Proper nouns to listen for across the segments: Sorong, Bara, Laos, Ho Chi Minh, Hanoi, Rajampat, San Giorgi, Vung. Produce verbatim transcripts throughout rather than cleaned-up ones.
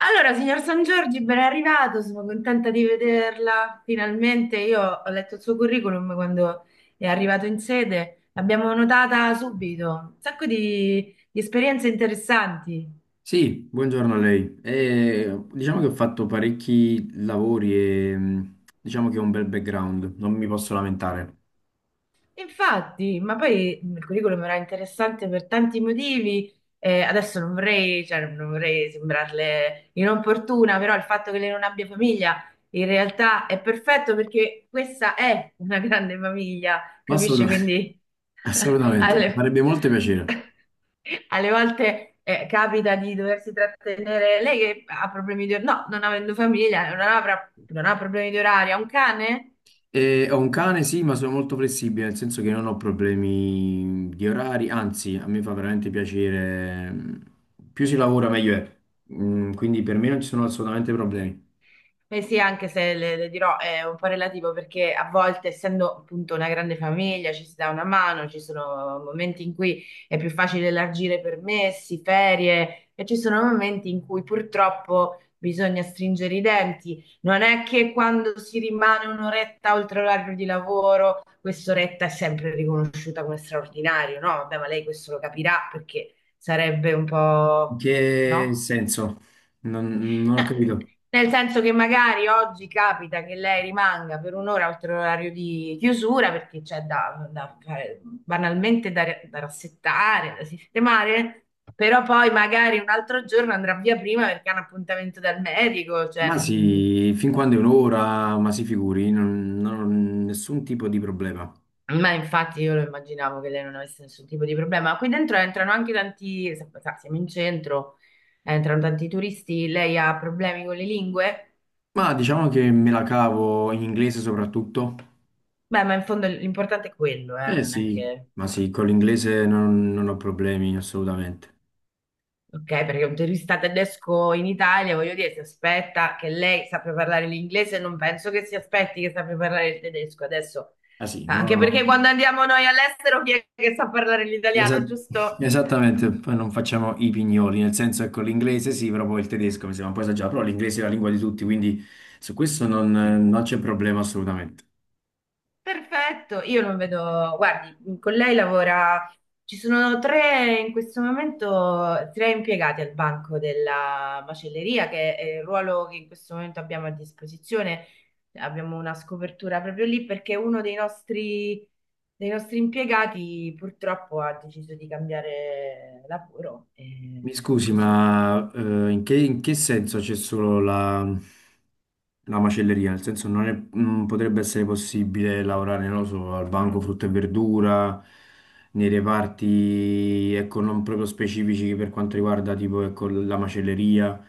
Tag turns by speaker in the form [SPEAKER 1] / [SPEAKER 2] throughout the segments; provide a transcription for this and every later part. [SPEAKER 1] Allora, signor San Giorgi, ben arrivato, sono contenta di vederla. Finalmente io ho letto il suo curriculum quando è arrivato in sede, l'abbiamo notata subito, un sacco di, di esperienze interessanti.
[SPEAKER 2] Sì, buongiorno a lei. Eh, diciamo che ho fatto parecchi lavori e mh, diciamo che ho un bel background, non mi posso lamentare.
[SPEAKER 1] Infatti, ma poi il curriculum era interessante per tanti motivi. Eh, adesso non vorrei, cioè, non vorrei sembrarle inopportuna, però il fatto che lei non abbia famiglia in realtà è perfetto perché questa è una grande famiglia,
[SPEAKER 2] Ma
[SPEAKER 1] capisci?
[SPEAKER 2] assolutamente,
[SPEAKER 1] Quindi
[SPEAKER 2] assolutamente, mi
[SPEAKER 1] alle,
[SPEAKER 2] farebbe molto piacere.
[SPEAKER 1] alle volte eh, capita di doversi trattenere, lei che ha problemi di orario, no, non avendo famiglia, non avrà- non ha problemi di orario, ha un cane?
[SPEAKER 2] Eh, ho un cane, sì, ma sono molto flessibile, nel senso che non ho problemi di orari, anzi, a me fa veramente piacere. mh, Più si lavora, meglio è. Mm, quindi per me non ci sono assolutamente problemi.
[SPEAKER 1] Beh sì, anche se le, le dirò è un po' relativo perché a volte, essendo appunto una grande famiglia, ci si dà una mano, ci sono momenti in cui è più facile elargire permessi, ferie e ci sono momenti in cui purtroppo bisogna stringere i denti. Non è che quando si rimane un'oretta oltre l'orario di lavoro, quest'oretta è sempre riconosciuta come straordinario, no? Vabbè, ma lei questo lo capirà perché sarebbe un
[SPEAKER 2] In
[SPEAKER 1] po',
[SPEAKER 2] che
[SPEAKER 1] no?
[SPEAKER 2] senso? non non ho
[SPEAKER 1] Eh,
[SPEAKER 2] capito.
[SPEAKER 1] Nel senso che magari oggi capita che lei rimanga per un'ora oltre l'orario di chiusura perché c'è da, da fare- banalmente da, da rassettare, da sistemare, però poi magari un altro giorno andrà via prima perché ha un appuntamento dal medico, cioè
[SPEAKER 2] Ma
[SPEAKER 1] non-
[SPEAKER 2] sì, fin quando è un'ora, ma si figuri, non, non ho nessun tipo di problema.
[SPEAKER 1] Ma infatti io lo immaginavo che lei non avesse nessun tipo di problema. Qui dentro entrano anche tanti, sa- sa, siamo in centro, entrano tanti turisti, lei ha problemi con le lingue.
[SPEAKER 2] Ma diciamo che me la cavo in inglese soprattutto.
[SPEAKER 1] Beh, ma in fondo l'importante è quello, eh,
[SPEAKER 2] Eh
[SPEAKER 1] non è
[SPEAKER 2] sì,
[SPEAKER 1] che...
[SPEAKER 2] ma sì, con l'inglese non, non ho problemi assolutamente.
[SPEAKER 1] Ok, perché un turista tedesco in Italia, voglio dire, si aspetta che lei sappia parlare l'inglese, non penso che si aspetti che sappia parlare il tedesco adesso,
[SPEAKER 2] Ah sì, no,
[SPEAKER 1] anche
[SPEAKER 2] no,
[SPEAKER 1] perché quando andiamo noi all'estero chi è che sa parlare l'italiano,
[SPEAKER 2] esa-
[SPEAKER 1] giusto?
[SPEAKER 2] esattamente, poi non facciamo i pignoli, nel senso che con l'inglese sì, però poi il tedesco mi sembra un po' esagerato, però l'inglese è la lingua di tutti, quindi su questo non non c'è problema assolutamente.
[SPEAKER 1] Perfetto, io non vedo, guardi, con lei lavora, ci sono tre in questo momento, tre impiegati al banco della macelleria, che è il ruolo che in questo momento abbiamo a disposizione. Abbiamo una scopertura proprio lì perché uno dei nostri, dei nostri impiegati purtroppo ha deciso di cambiare lavoro,
[SPEAKER 2] Mi
[SPEAKER 1] e
[SPEAKER 2] scusi,
[SPEAKER 1] così.
[SPEAKER 2] ma eh, in che, in che senso c'è solo la, la macelleria? Nel senso non è- non potrebbe essere possibile lavorare, non lo so, al banco frutta e verdura, nei reparti, ecco, non proprio specifici per quanto riguarda tipo, ecco, la macelleria,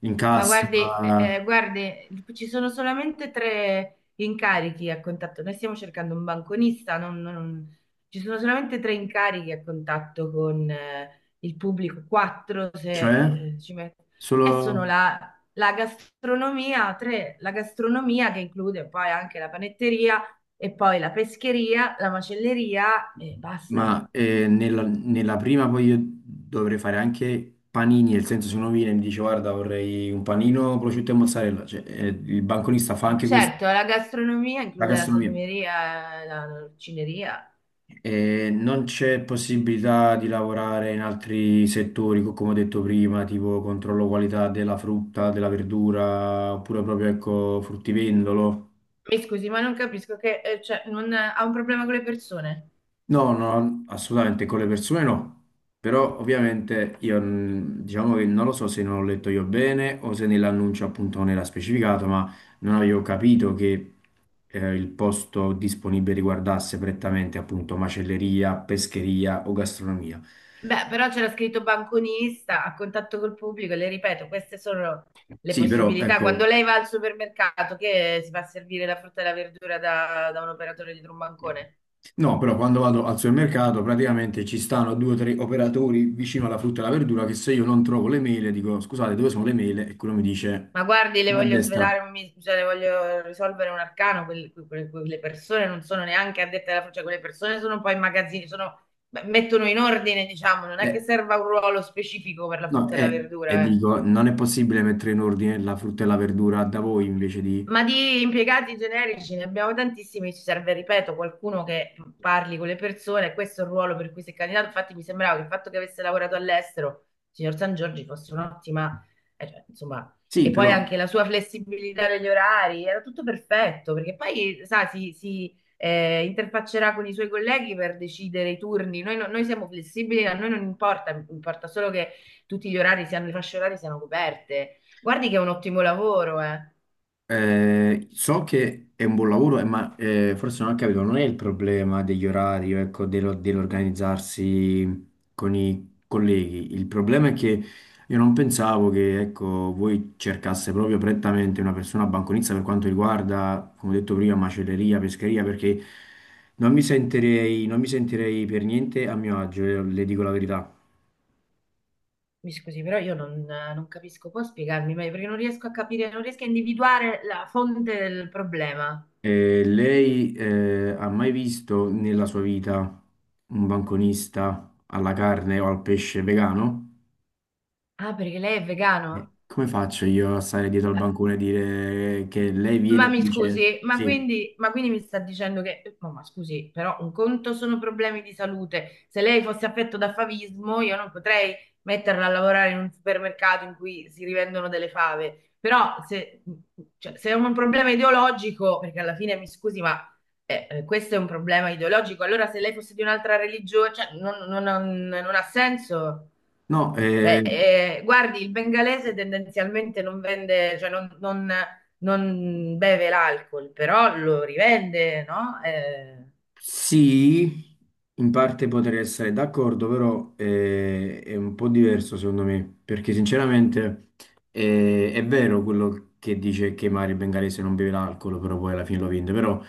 [SPEAKER 2] in, sì,
[SPEAKER 1] Ma guardi, eh,
[SPEAKER 2] cassa,
[SPEAKER 1] eh, guardi, ci sono solamente tre incarichi a contatto. Noi stiamo cercando un banconista, non- non- ci sono solamente tre incarichi a contatto con eh, il pubblico, quattro se
[SPEAKER 2] cioè
[SPEAKER 1] eh, ci metto. E sono
[SPEAKER 2] solo...
[SPEAKER 1] la, la gastronomia, tre, la gastronomia che include poi anche la panetteria e poi la pescheria, la macelleria e basta.
[SPEAKER 2] Ma eh, nella, nella prima poi io dovrei fare anche panini, nel senso se uno viene e mi dice guarda vorrei un panino prosciutto e mozzarella, cioè, eh, il banconista fa
[SPEAKER 1] E
[SPEAKER 2] anche questa
[SPEAKER 1] certo, la gastronomia
[SPEAKER 2] la
[SPEAKER 1] include la
[SPEAKER 2] gastronomia.
[SPEAKER 1] salumeria, la l'orcineria.
[SPEAKER 2] Eh, non c'è possibilità di lavorare in altri settori, co- come ho detto prima, tipo controllo qualità della frutta, della verdura, oppure proprio ecco, fruttivendolo.
[SPEAKER 1] Mi scusi, ma non capisco che eh, cioè, non, ha un problema con le persone.
[SPEAKER 2] No, no, assolutamente con le persone no, però ovviamente io mm, diciamo che non lo so se non ho letto io bene o se nell'annuncio appunto non era specificato, ma non avevo capito che eh, il posto disponibile riguardasse prettamente appunto macelleria, pescheria o gastronomia.
[SPEAKER 1] Beh, però c'era scritto banconista, a contatto col pubblico, le ripeto, queste sono le
[SPEAKER 2] Sì, però
[SPEAKER 1] possibilità. Quando
[SPEAKER 2] ecco,
[SPEAKER 1] lei va al supermercato, che si fa servire la frutta e la verdura da, da un operatore dietro un bancone?
[SPEAKER 2] no, però quando vado al supermercato praticamente ci stanno due o tre operatori vicino alla frutta e alla verdura che se io non trovo le mele dico scusate dove sono le mele e quello mi dice...
[SPEAKER 1] Ma guardi, le
[SPEAKER 2] A
[SPEAKER 1] voglio
[SPEAKER 2] destra.
[SPEAKER 1] svelare, un mis- cioè, le voglio risolvere un arcano, quelle, quelle- quelle persone non sono neanche addette alla frutta, cioè, quelle persone sono poi in magazzini, sono- beh, mettono in ordine, diciamo, non è che
[SPEAKER 2] Eh,
[SPEAKER 1] serva un ruolo specifico per la
[SPEAKER 2] no,
[SPEAKER 1] frutta e la
[SPEAKER 2] eh, e
[SPEAKER 1] verdura, eh.
[SPEAKER 2] dico, non è possibile mettere in ordine la frutta e la verdura da voi invece di...
[SPEAKER 1] Ma di impiegati generici ne abbiamo tantissimi, ci serve, ripeto, qualcuno che parli con le persone, questo è il ruolo per cui si è candidato. Infatti mi sembrava che il fatto che avesse lavorato all'estero, signor San Giorgi, fosse un'ottima, eh, cioè, insomma,
[SPEAKER 2] Sì,
[SPEAKER 1] e poi
[SPEAKER 2] però
[SPEAKER 1] anche la sua flessibilità degli orari, era tutto perfetto, perché poi, sa, si, si, eh, interfaccerà con i suoi colleghi per decidere i turni. Noi, no- noi siamo flessibili, a noi non importa, importa solo che tutti gli orari siano, le fasce orarie siano coperte. Guardi che è un ottimo lavoro, eh.
[SPEAKER 2] Eh, so che è un buon lavoro, eh, ma eh, forse non ho capito, non è il problema degli orari, ecco, dello- dell'organizzarsi con i colleghi. Il problema è che io non pensavo che, ecco, voi cercasse proprio prettamente una persona banconista per quanto riguarda, come ho detto prima, macelleria, pescheria, perché non mi sentirei, non mi sentirei per niente a mio agio, le le dico la verità.
[SPEAKER 1] Mi scusi, però io non, non capisco, può spiegarmi meglio perché non riesco a capire, non riesco a individuare la fonte del problema.
[SPEAKER 2] Eh, lei eh, ha mai visto nella sua vita un banconista alla carne o al pesce vegano?
[SPEAKER 1] Ah, perché lei è
[SPEAKER 2] Eh,
[SPEAKER 1] vegano?
[SPEAKER 2] come faccio io a stare dietro al
[SPEAKER 1] "Ah,
[SPEAKER 2] bancone e dire che lei viene
[SPEAKER 1] ma
[SPEAKER 2] e
[SPEAKER 1] mi
[SPEAKER 2] mi dice
[SPEAKER 1] scusi, ma
[SPEAKER 2] sì?
[SPEAKER 1] quindi, ma quindi mi sta dicendo che, eh, no, ma scusi, però un conto sono problemi di salute. Se lei fosse affetto da favismo, io non potrei metterla a lavorare in un supermercato in cui si rivendono delle fave. Però se, cioè, se è un problema ideologico, perché alla fine mi scusi, ma eh, eh, questo è un problema ideologico, allora se lei fosse di un'altra religione, cioè, non non- non- non ha senso.
[SPEAKER 2] No, eh,
[SPEAKER 1] Cioè, eh, guardi, il bengalese tendenzialmente non vende, cioè non, non- non beve l'alcol, però lo rivende, no? Eh,
[SPEAKER 2] sì, in parte potrei essere d'accordo, però eh, è un po' diverso secondo me, perché sinceramente eh, è vero quello che dice che Mario Bengalese non beve l'alcol, però poi alla fine lo vende, però...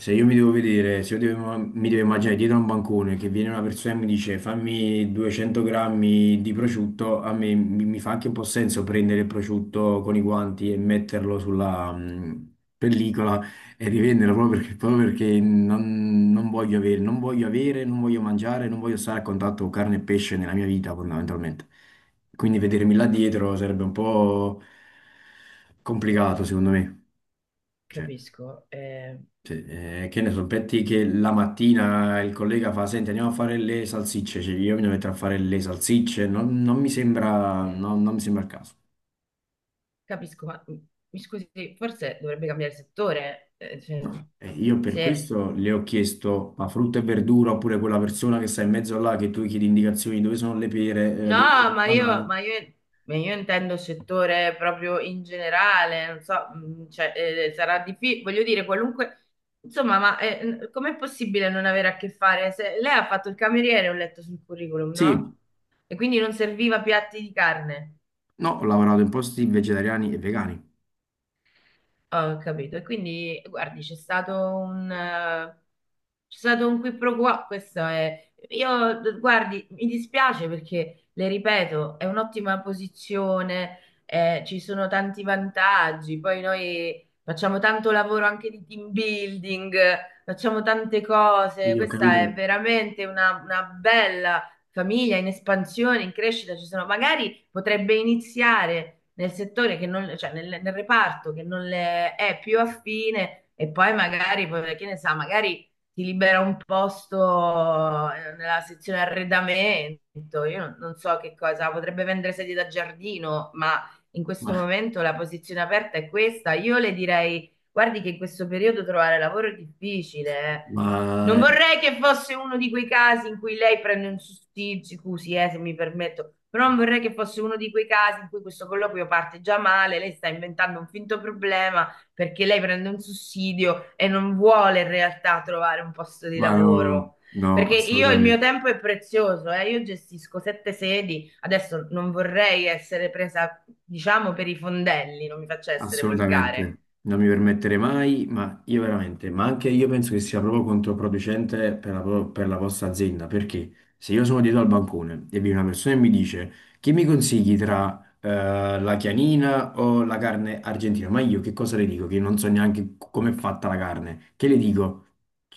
[SPEAKER 2] Se io mi devo vedere, se io devo- mi devo immaginare dietro a un bancone che viene una persona e mi dice fammi duecento grammi di prosciutto, a me mi, mi fa anche un po' senso prendere il prosciutto con i guanti e metterlo sulla mh, pellicola e rivenderlo proprio perché, proprio perché non, non voglio avere, non voglio avere, non voglio mangiare, non voglio stare a contatto con carne e pesce nella mia vita fondamentalmente. Quindi vedermi là dietro sarebbe un po' complicato secondo me. Cioè,
[SPEAKER 1] capisco, eh,
[SPEAKER 2] sì, eh, che ne so, metti che la mattina il collega fa, senti, andiamo a fare le salsicce, cioè, io mi devo mettere a fare le salsicce, non, non mi sembra, no, non mi sembra il caso.
[SPEAKER 1] capisco, ma mm, mi scusi, forse dovrebbe cambiare settore. Eh, cioè,
[SPEAKER 2] No. E io per
[SPEAKER 1] se
[SPEAKER 2] questo le ho chiesto, ma frutta e verdura, oppure quella persona che sta in mezzo là, che tu gli chiedi indicazioni dove sono le pere, eh,
[SPEAKER 1] no,
[SPEAKER 2] dove sono le
[SPEAKER 1] ma io,
[SPEAKER 2] banane.
[SPEAKER 1] ma io- ma io intendo settore proprio in generale, non so, mh, cioè, eh, sarà difficile, voglio dire, qualunque, insomma, ma eh, n- com'è possibile non avere a che fare? Se- lei ha fatto il cameriere, ho letto sul curriculum,
[SPEAKER 2] Sì,
[SPEAKER 1] no? E quindi non serviva piatti di carne.
[SPEAKER 2] no, ho lavorato in posti vegetariani e vegani.
[SPEAKER 1] Ho capito. E quindi, guardi, c'è stato un... eh, c'è stato un qui pro quo, questo è... Io, d- guardi, mi dispiace perché, le ripeto, è un'ottima posizione, eh, ci sono tanti vantaggi, poi noi facciamo tanto lavoro anche di team building, facciamo tante cose,
[SPEAKER 2] Io ho capito,
[SPEAKER 1] questa è veramente una, una bella famiglia in espansione, in crescita, ci sono... Magari potrebbe iniziare nel settore che non, cioè nel, nel reparto che non le è più affine e poi magari, poi, che ne sa, magari ti libera un posto eh, nella sezione arredamento. Io non, non so che cosa, potrebbe vendere sedie da giardino, ma in questo
[SPEAKER 2] ma,
[SPEAKER 1] momento la posizione aperta è questa. Io le direi, guardi che in questo periodo trovare lavoro è difficile. Eh. Non
[SPEAKER 2] ma,
[SPEAKER 1] vorrei che fosse uno di quei casi in cui lei prende un sussidio, scusi, eh, se mi permetto, però non vorrei che fosse uno di quei casi in cui questo colloquio parte già male, lei sta inventando un finto problema perché lei prende un sussidio e non vuole in realtà trovare un posto di
[SPEAKER 2] ma no,
[SPEAKER 1] lavoro.
[SPEAKER 2] no,
[SPEAKER 1] Perché io il mio
[SPEAKER 2] assolutamente.
[SPEAKER 1] tempo è prezioso, eh, io gestisco sette sedi, adesso non vorrei essere presa, diciamo, per i fondelli, non mi faccia essere volgare.
[SPEAKER 2] Assolutamente, non mi permetterei mai, ma io veramente, ma anche io penso che sia proprio controproducente per la, pro- per la vostra azienda, perché se io sono dietro al bancone e viene una persona e mi dice che mi consigli tra eh, la chianina o la carne argentina, ma io che cosa le dico? Che non so neanche come è fatta la carne, che le dico?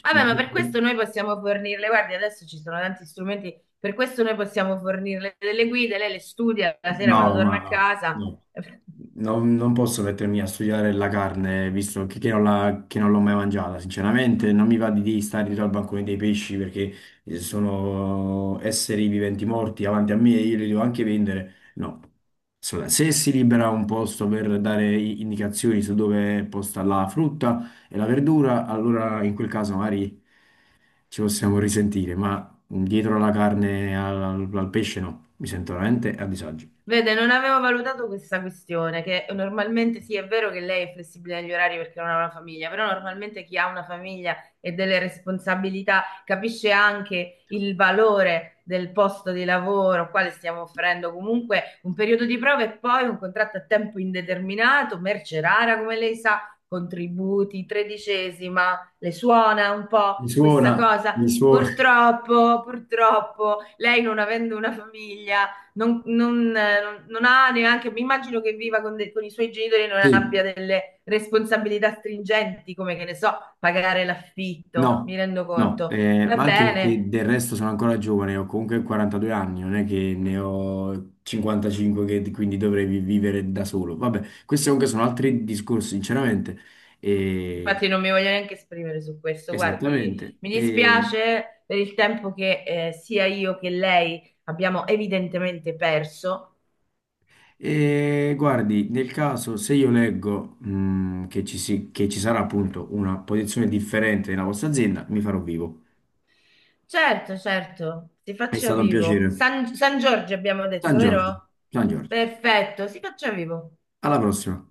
[SPEAKER 1] Vabbè, ma per questo noi possiamo fornirle, guardi, adesso ci sono tanti strumenti, per questo noi possiamo fornirle delle guide, lei le studia la sera quando
[SPEAKER 2] No, ma
[SPEAKER 1] torna a
[SPEAKER 2] no,
[SPEAKER 1] casa.
[SPEAKER 2] no. Non, non posso mettermi a studiare la carne, visto che, che non la- che non l'ho mai mangiata, sinceramente. Non mi va di, di stare dietro al bancone dei pesci perché eh, sono esseri viventi morti davanti a me e io li devo anche vendere. No. Assolutamente. Se si libera un posto per dare i- indicazioni su dove è posta la frutta e la verdura, allora in quel caso magari ci possiamo risentire, ma dietro alla carne, al, al pesce no, mi sento veramente a disagio.
[SPEAKER 1] Vede, non avevo valutato questa questione, che normalmente sì, è vero che lei è flessibile negli orari perché non ha una famiglia, però normalmente chi ha una famiglia e delle responsabilità capisce anche il valore del posto di lavoro, quale stiamo offrendo comunque un periodo di prova e poi un contratto a tempo indeterminato, merce rara, come lei sa, contributi, tredicesima, le suona un
[SPEAKER 2] Mi
[SPEAKER 1] po'
[SPEAKER 2] suona,
[SPEAKER 1] questa cosa?
[SPEAKER 2] mi suona,
[SPEAKER 1] Purtroppo, purtroppo, lei non avendo una famiglia non, non, eh, non- non ha neanche, mi immagino che viva con, de- con i suoi genitori e non
[SPEAKER 2] sì,
[SPEAKER 1] abbia delle responsabilità stringenti, come che ne so, pagare l'affitto,
[SPEAKER 2] no,
[SPEAKER 1] mi rendo
[SPEAKER 2] no,
[SPEAKER 1] conto.
[SPEAKER 2] eh,
[SPEAKER 1] Va
[SPEAKER 2] ma anche perché
[SPEAKER 1] bene,
[SPEAKER 2] del resto sono ancora giovane, ho comunque quarantadue anni, non è che ne ho cinquantacinque che quindi dovrei vi- vivere da solo. Vabbè, questi comunque sono altri discorsi, sinceramente. E-
[SPEAKER 1] infatti non mi voglio neanche esprimere su questo, guardi,
[SPEAKER 2] esattamente.
[SPEAKER 1] mi
[SPEAKER 2] E,
[SPEAKER 1] dispiace per il tempo che eh, sia io che lei abbiamo evidentemente perso.
[SPEAKER 2] e guardi, nel caso se io leggo, mh, che ci si- che ci sarà appunto una posizione differente nella vostra azienda, mi farò vivo.
[SPEAKER 1] Certo, certo, si
[SPEAKER 2] È
[SPEAKER 1] faccia
[SPEAKER 2] stato un
[SPEAKER 1] vivo.
[SPEAKER 2] piacere.
[SPEAKER 1] San, San Giorgio abbiamo
[SPEAKER 2] San
[SPEAKER 1] detto,
[SPEAKER 2] Giorgio,
[SPEAKER 1] vero?
[SPEAKER 2] San Giorgio.
[SPEAKER 1] Perfetto, si faccia vivo.
[SPEAKER 2] Alla prossima.